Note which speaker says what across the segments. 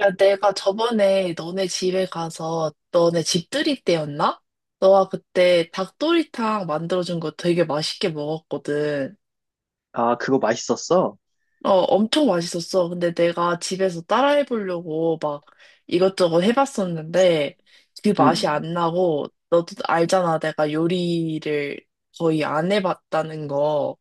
Speaker 1: 야, 내가 저번에 너네 집에 가서 너네 집들이 때였나? 너가 그때 닭도리탕 만들어준 거 되게 맛있게 먹었거든.
Speaker 2: 아, 그거 맛있었어?
Speaker 1: 어, 엄청 맛있었어. 근데 내가 집에서 따라해보려고 막 이것저것 해봤었는데 그 맛이
Speaker 2: 응.
Speaker 1: 안 나고 너도 알잖아. 내가 요리를 거의 안 해봤다는 거.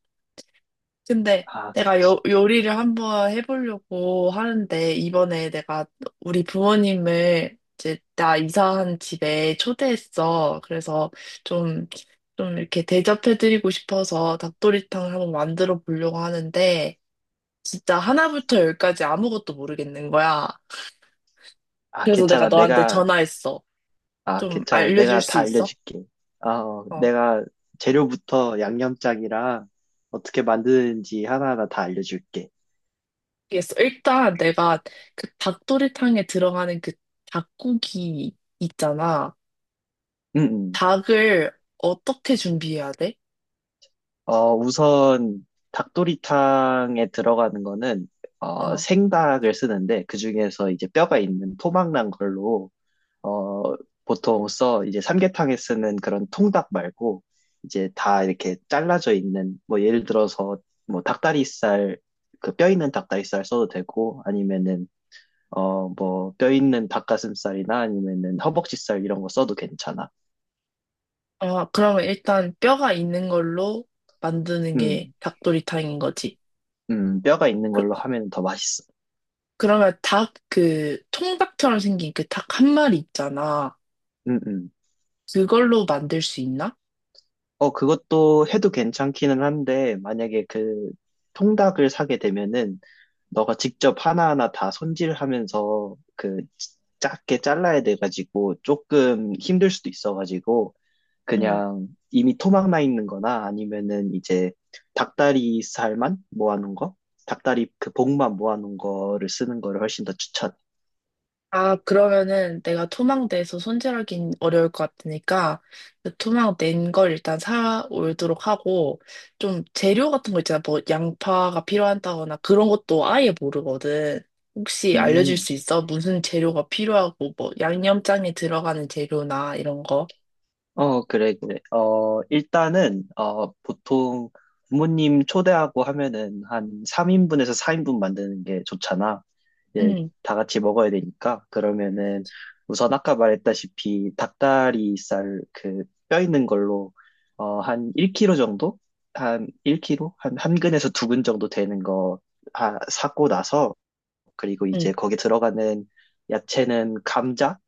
Speaker 1: 근데
Speaker 2: 아,
Speaker 1: 내가 요,
Speaker 2: 그치.
Speaker 1: 요리를 한번 해보려고 하는데, 이번에 내가 우리 부모님을 이제 나 이사한 집에 초대했어. 그래서 좀, 좀 이렇게 대접해드리고 싶어서 닭도리탕을 한번 만들어 보려고 하는데, 진짜 하나부터 열까지 아무것도 모르겠는 거야.
Speaker 2: 아,
Speaker 1: 그래서 내가
Speaker 2: 괜찮아.
Speaker 1: 너한테
Speaker 2: 내가,
Speaker 1: 전화했어.
Speaker 2: 아,
Speaker 1: 좀
Speaker 2: 괜찮아.
Speaker 1: 알려줄
Speaker 2: 내가
Speaker 1: 수
Speaker 2: 다
Speaker 1: 있어?
Speaker 2: 알려줄게. 아,
Speaker 1: 어.
Speaker 2: 내가 재료부터 양념장이랑 어떻게 만드는지 하나하나 다 알려줄게.
Speaker 1: 그 일단 내가 그 닭도리탕에 들어가는 그 닭고기 있잖아.
Speaker 2: 응, 응.
Speaker 1: 닭을 어떻게 준비해야 돼?
Speaker 2: 우선 닭도리탕에 들어가는 거는,
Speaker 1: 어.
Speaker 2: 생닭을 쓰는데, 그중에서 이제 뼈가 있는 토막난 걸로 어, 보통 써. 이제 삼계탕에 쓰는 그런 통닭 말고 이제 다 이렇게 잘라져 있는 뭐 예를 들어서 뭐 닭다리살, 그 뼈 있는 닭다리살 써도 되고, 아니면은 뭐 뼈 있는 닭가슴살이나 아니면은 허벅지살 이런 거 써도 괜찮아.
Speaker 1: 아, 그러면 일단 뼈가 있는 걸로 만드는 게
Speaker 2: 음,
Speaker 1: 닭도리탕인 거지.
Speaker 2: 뼈가 있는
Speaker 1: 그,
Speaker 2: 걸로 하면 더 맛있어.
Speaker 1: 그러면 닭 그 통닭처럼 생긴 그 닭 한 마리 있잖아.
Speaker 2: 음, 음.
Speaker 1: 그걸로 만들 수 있나?
Speaker 2: 그것도 해도 괜찮기는 한데, 만약에 그 통닭을 사게 되면은, 너가 직접 하나하나 다 손질하면서 그 작게 잘라야 돼가지고, 조금 힘들 수도 있어가지고,
Speaker 1: 응.
Speaker 2: 그냥 이미 토막 나 있는 거나 아니면은 이제 닭다리 살만 모아놓은 거? 닭다리 그 복만 모아놓은 거를 쓰는 거를 훨씬 더 추천.
Speaker 1: 아, 그러면은 내가 토막내서 손질하긴 어려울 것 같으니까 그 토막낸 걸 일단 사 오도록 하고 좀 재료 같은 거 있잖아. 뭐 양파가 필요하다거나 그런 것도 아예 모르거든. 혹시 알려줄
Speaker 2: 음.
Speaker 1: 수 있어? 무슨 재료가 필요하고 뭐 양념장에 들어가는 재료나 이런 거?
Speaker 2: 그래, 그래. 일단은, 보통 부모님 초대하고 하면은 한 3인분에서 4인분 만드는 게 좋잖아. 이제
Speaker 1: 응,
Speaker 2: 다 같이 먹어야 되니까. 그러면은 우선 아까 말했다시피 닭다리살, 그 뼈 있는 걸로, 한 1kg 정도? 한 1kg? 한 근에서 두 근 정도 되는 거 사고 나서 그리고
Speaker 1: 응.
Speaker 2: 이제 거기 들어가는 야채는 감자,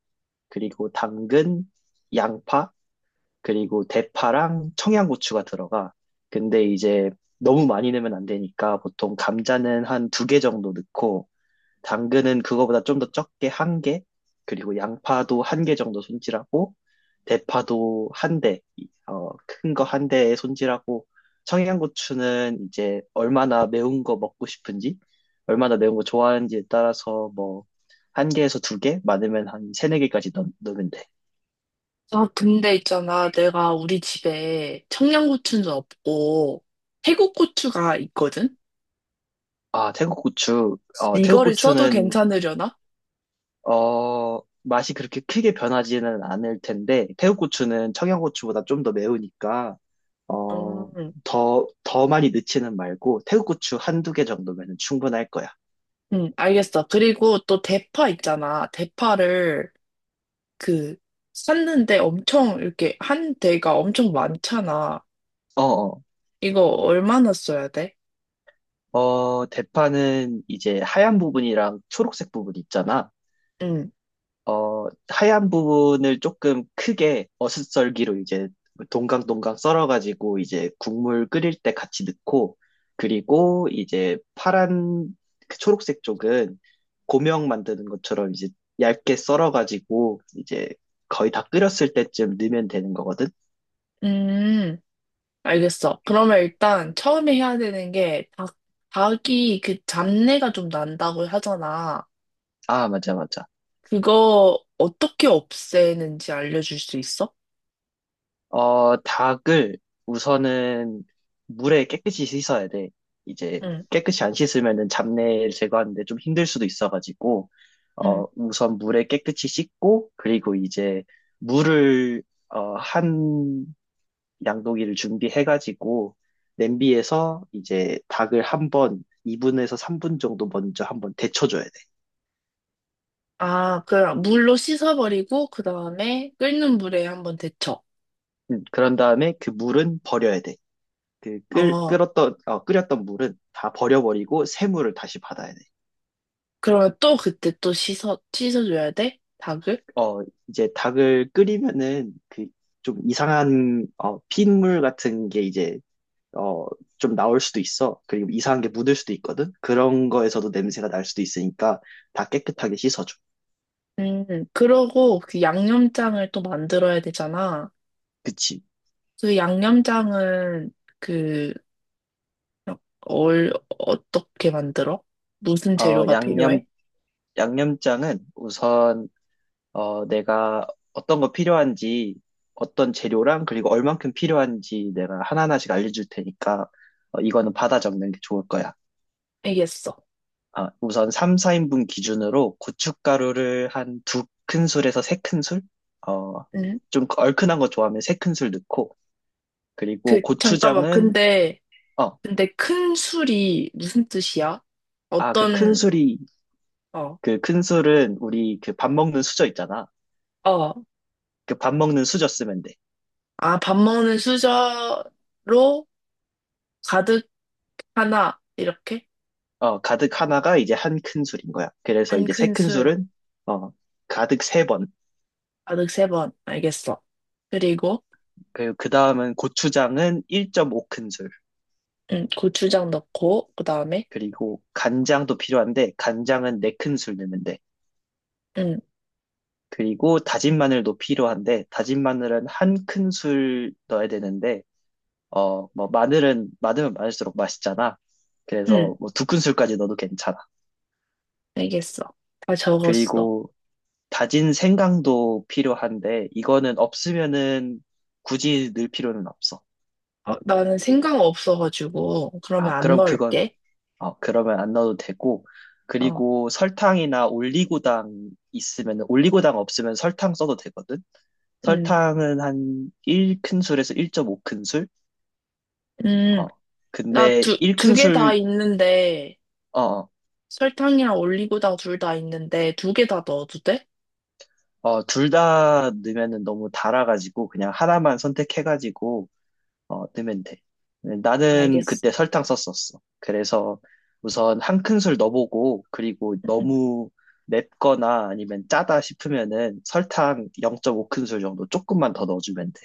Speaker 2: 그리고 당근, 양파, 그리고 대파랑 청양고추가 들어가. 근데 이제 너무 많이 넣으면 안 되니까 보통 감자는 한 두 개 정도 넣고, 당근은 그거보다 좀 더 적게 한 개, 그리고 양파도 한 개 정도 손질하고, 대파도 한 대, 큰 거 한 대에 손질하고, 청양고추는 이제 얼마나 매운 거 먹고 싶은지, 얼마나 매운 거 좋아하는지에 따라서 뭐, 한 개에서 두 개? 많으면 한 세네 개까지 넣으면 돼.
Speaker 1: 아, 근데 있잖아. 내가 우리 집에 청양고추는 없고 태국 고추가 있거든?
Speaker 2: 아, 태국 고추. 태국
Speaker 1: 이거를 써도
Speaker 2: 고추는,
Speaker 1: 괜찮으려나?
Speaker 2: 맛이 그렇게 크게 변하지는 않을 텐데, 태국 고추는 청양고추보다 좀 더 매우니까, 어,
Speaker 1: 음.
Speaker 2: 더 많이 넣지는 말고, 태국 고추 한두 개 정도면 충분할 거야.
Speaker 1: 응, 알겠어. 그리고 또 대파 있잖아. 대파를 그 샀는데 엄청 이렇게 한 대가 엄청 많잖아.
Speaker 2: 어, 어,
Speaker 1: 이거 얼마나 써야 돼?
Speaker 2: 대파는 이제 하얀 부분이랑 초록색 부분 있잖아.
Speaker 1: 응,
Speaker 2: 하얀 부분을 조금 크게 어슷썰기로 이제 동강동강 썰어가지고 이제 국물 끓일 때 같이 넣고, 그리고 이제 파란 그 초록색 쪽은 고명 만드는 것처럼 이제 얇게 썰어가지고 이제 거의 다 끓였을 때쯤 넣으면 되는 거거든.
Speaker 1: 음, 알겠어. 그러면 일단 처음에 해야 되는 게 닭이 그 잡내가 좀 난다고 하잖아.
Speaker 2: 아, 맞아, 맞아.
Speaker 1: 그거 어떻게 없애는지 알려줄 수 있어?
Speaker 2: 닭을 우선은 물에 깨끗이 씻어야 돼. 이제
Speaker 1: 응,
Speaker 2: 깨끗이 안 씻으면은 잡내를 제거하는데 좀 힘들 수도 있어가지고,
Speaker 1: 응.
Speaker 2: 우선 물에 깨끗이 씻고, 그리고 이제 물을, 한 양동이를 준비해가지고, 냄비에서 이제 닭을 한 번 2분에서 3분 정도 먼저 한번 데쳐줘야 돼.
Speaker 1: 아, 그럼 물로 씻어버리고 그 다음에 끓는 물에 한번 데쳐.
Speaker 2: 그런 다음에 그 물은 버려야 돼. 그 끓,
Speaker 1: 어.
Speaker 2: 끓었던, 어, 끓였던 물은 다 버려버리고 새 물을 다시 받아야 돼.
Speaker 1: 그러면 또 그때 또 씻어줘야 돼? 닭을?
Speaker 2: 어, 이제 닭을 끓이면은 그 좀 이상한 핏물 같은 게 이제 어, 좀 나올 수도 있어. 그리고 이상한 게 묻을 수도 있거든. 그런 거에서도 냄새가 날 수도 있으니까 다 깨끗하게 씻어줘.
Speaker 1: 음, 그러고 그 양념장을 또 만들어야 되잖아.
Speaker 2: 그치?
Speaker 1: 그 양념장은 그, 어떻게 만들어? 무슨
Speaker 2: 어,
Speaker 1: 재료가
Speaker 2: 양념,
Speaker 1: 필요해?
Speaker 2: 양념장은 우선 내가 어떤 거 필요한지, 어떤 재료랑 그리고 얼만큼 필요한지 내가 하나하나씩 알려줄 테니까 이거는 받아 적는 게 좋을 거야.
Speaker 1: 알겠어.
Speaker 2: 아, 우선 3, 4인분 기준으로 고춧가루를 한 두 큰술에서 3큰술? 어,
Speaker 1: 응?
Speaker 2: 좀 얼큰한 거 좋아하면 3큰술 넣고, 그리고
Speaker 1: 그, 잠깐만.
Speaker 2: 고추장은,
Speaker 1: 근데,
Speaker 2: 어,
Speaker 1: 근데 큰 술이 무슨 뜻이야?
Speaker 2: 아, 그
Speaker 1: 어떤,
Speaker 2: 큰술이,
Speaker 1: 어,
Speaker 2: 그 큰술은 우리 그 밥 먹는 수저 있잖아.
Speaker 1: 어.
Speaker 2: 그 밥 먹는 수저 쓰면 돼.
Speaker 1: 아, 밥 먹는 수저로 가득 하나, 이렇게?
Speaker 2: 가득 하나가 이제 한 큰술인 거야. 그래서
Speaker 1: 한
Speaker 2: 이제 세
Speaker 1: 큰 술.
Speaker 2: 큰술은, 어, 가득 세 번.
Speaker 1: 가득 세 번. 알겠어. 그리고,
Speaker 2: 그리고 그 다음은 고추장은 1.5큰술.
Speaker 1: 응, 고추장 넣고, 그 다음에,
Speaker 2: 그리고 간장도 필요한데, 간장은 4큰술 넣는데
Speaker 1: 응,
Speaker 2: 그리고 다진 마늘도 필요한데, 다진 마늘은 1큰술 넣어야 되는데 뭐 마늘은 많으면 많을수록 맛있잖아.
Speaker 1: 응,
Speaker 2: 그래서 뭐 두 큰술까지 넣어도 괜찮아.
Speaker 1: 알겠어. 다 적었어.
Speaker 2: 그리고 다진 생강도 필요한데 이거는 없으면은 굳이 넣을 필요는 없어.
Speaker 1: 어, 나는 생강 없어가지고, 그러면
Speaker 2: 아,
Speaker 1: 안
Speaker 2: 그럼 그건
Speaker 1: 넣을게.
Speaker 2: 그러면 안 넣어도 되고,
Speaker 1: 어,
Speaker 2: 그리고 설탕이나 올리고당 있으면은, 올리고당 없으면 설탕 써도 되거든.
Speaker 1: 응,
Speaker 2: 설탕은 한 1큰술에서 1.5큰술.
Speaker 1: 응.
Speaker 2: 어,
Speaker 1: 나
Speaker 2: 근데
Speaker 1: 두 개 다
Speaker 2: 1큰술,
Speaker 1: 있는데,
Speaker 2: 어,
Speaker 1: 설탕이랑 올리고당 둘 다 있는데, 두 개 다 넣어도 돼?
Speaker 2: 둘 다 넣으면은 너무 달아가지고 그냥 하나만 선택해가지고 넣으면 돼. 나는
Speaker 1: 알겠어.
Speaker 2: 그때 설탕 썼었어. 그래서 우선 1큰술 넣어보고, 그리고
Speaker 1: 응,
Speaker 2: 너무 맵거나 아니면 짜다 싶으면은 설탕 0.5큰술 정도 조금만 더 넣어주면 돼.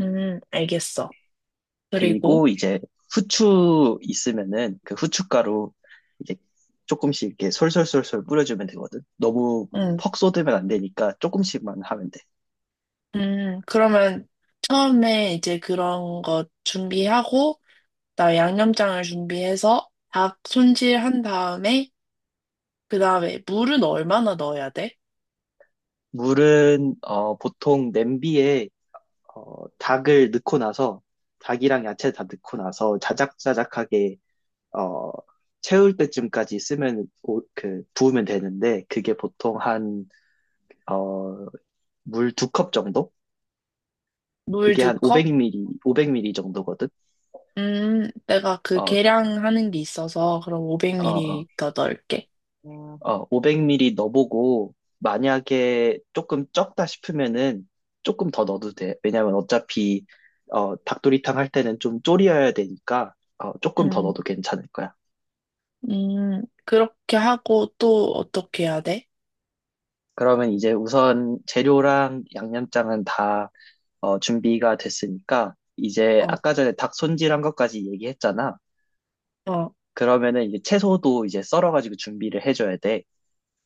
Speaker 1: 응, 응, 알겠어. 그리고,
Speaker 2: 그리고 이제 후추 있으면은 그 후춧가루 이제 조금씩 이렇게 솔솔솔솔 뿌려주면 되거든. 너무
Speaker 1: 응,
Speaker 2: 퍽 쏟으면 안 되니까 조금씩만 하면 돼.
Speaker 1: 응, 그러면 처음에 이제 그런 거 준비하고, 나다 양념장을 준비해서 닭 손질한 다음에 그다음에 물은 얼마나 넣어야 돼?
Speaker 2: 물은 보통 냄비에 닭을 넣고 나서, 닭이랑 야채 다 넣고 나서 자작자작하게 어, 채울 때쯤까지 쓰면 그 부으면 되는데, 그게 보통 한 어, 물 2컵 정도?
Speaker 1: 물
Speaker 2: 그게
Speaker 1: 두
Speaker 2: 한
Speaker 1: 컵?
Speaker 2: 500ml, 500ml 정도거든.
Speaker 1: 내가 그
Speaker 2: 어,
Speaker 1: 계량하는 게 있어서 그럼
Speaker 2: 어, 어,
Speaker 1: 500ml 넣을게.
Speaker 2: 500ml 넣어보고, 만약에 조금 적다 싶으면은 조금 더 넣어도 돼. 왜냐면 어차피, 닭도리탕 할 때는 좀 졸여야 되니까, 조금 더
Speaker 1: 음,
Speaker 2: 넣어도 괜찮을 거야.
Speaker 1: 그렇게 하고 또 어떻게 해야 돼?
Speaker 2: 그러면 이제 우선 재료랑 양념장은 다, 준비가 됐으니까, 이제
Speaker 1: 어,
Speaker 2: 아까 전에 닭 손질한 것까지 얘기했잖아.
Speaker 1: 어,
Speaker 2: 그러면은 이제 채소도 이제 썰어가지고 준비를 해줘야 돼.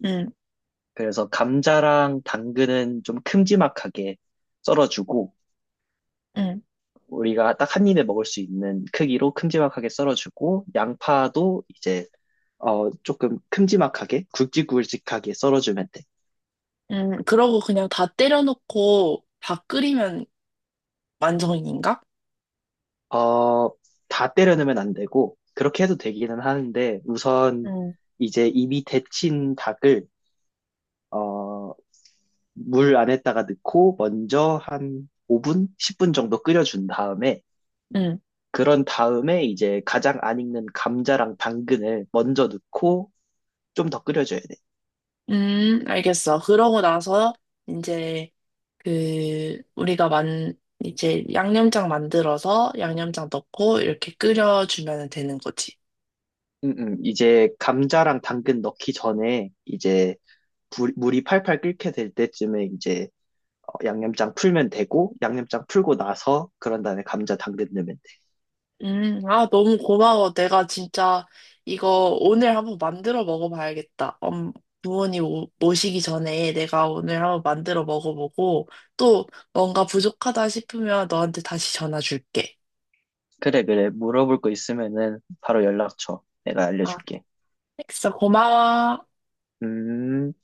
Speaker 1: 음,
Speaker 2: 그래서 감자랑 당근은 좀 큼지막하게 썰어주고,
Speaker 1: 음,
Speaker 2: 우리가 딱 한 입에 먹을 수 있는 크기로 큼지막하게 썰어주고, 양파도 이제 조금 큼지막하게 굵직굵직하게 썰어주면 돼.
Speaker 1: 그러고 그냥 다 때려놓고 다 끓이면 완성인가?
Speaker 2: 어, 다 때려 넣으면 안 되고, 그렇게 해도 되기는 하는데 우선
Speaker 1: 음,
Speaker 2: 이제 이미 데친 닭을 어, 물 안에다가 넣고 먼저 한 5분, 10분 정도 끓여준 다음에,
Speaker 1: 음,
Speaker 2: 그런 다음에 이제 가장 안 익는 감자랑 당근을 먼저 넣고 좀 더 끓여줘야 돼.
Speaker 1: 알겠어. 그러고 나서 이제 그 우리가 만 이제 양념장 만들어서 양념장 넣고 이렇게 끓여주면 되는 거지.
Speaker 2: 이제 감자랑 당근 넣기 전에 이제 물이 팔팔 끓게 될 때쯤에 이제 양념장 풀면 되고, 양념장 풀고 나서 그런 다음에 감자 당근 넣으면 돼.
Speaker 1: 아, 너무 고마워. 내가 진짜 이거 오늘 한번 만들어 먹어봐야겠다. 부모님 모시기 전에 내가 오늘 한번 만들어 먹어보고 또 뭔가 부족하다 싶으면 너한테 다시 전화 줄게.
Speaker 2: 그래, 그래. 물어볼 거 있으면은 바로 연락 줘. 내가
Speaker 1: 아,
Speaker 2: 알려줄게.
Speaker 1: 알겠어. 고마워.
Speaker 2: 음.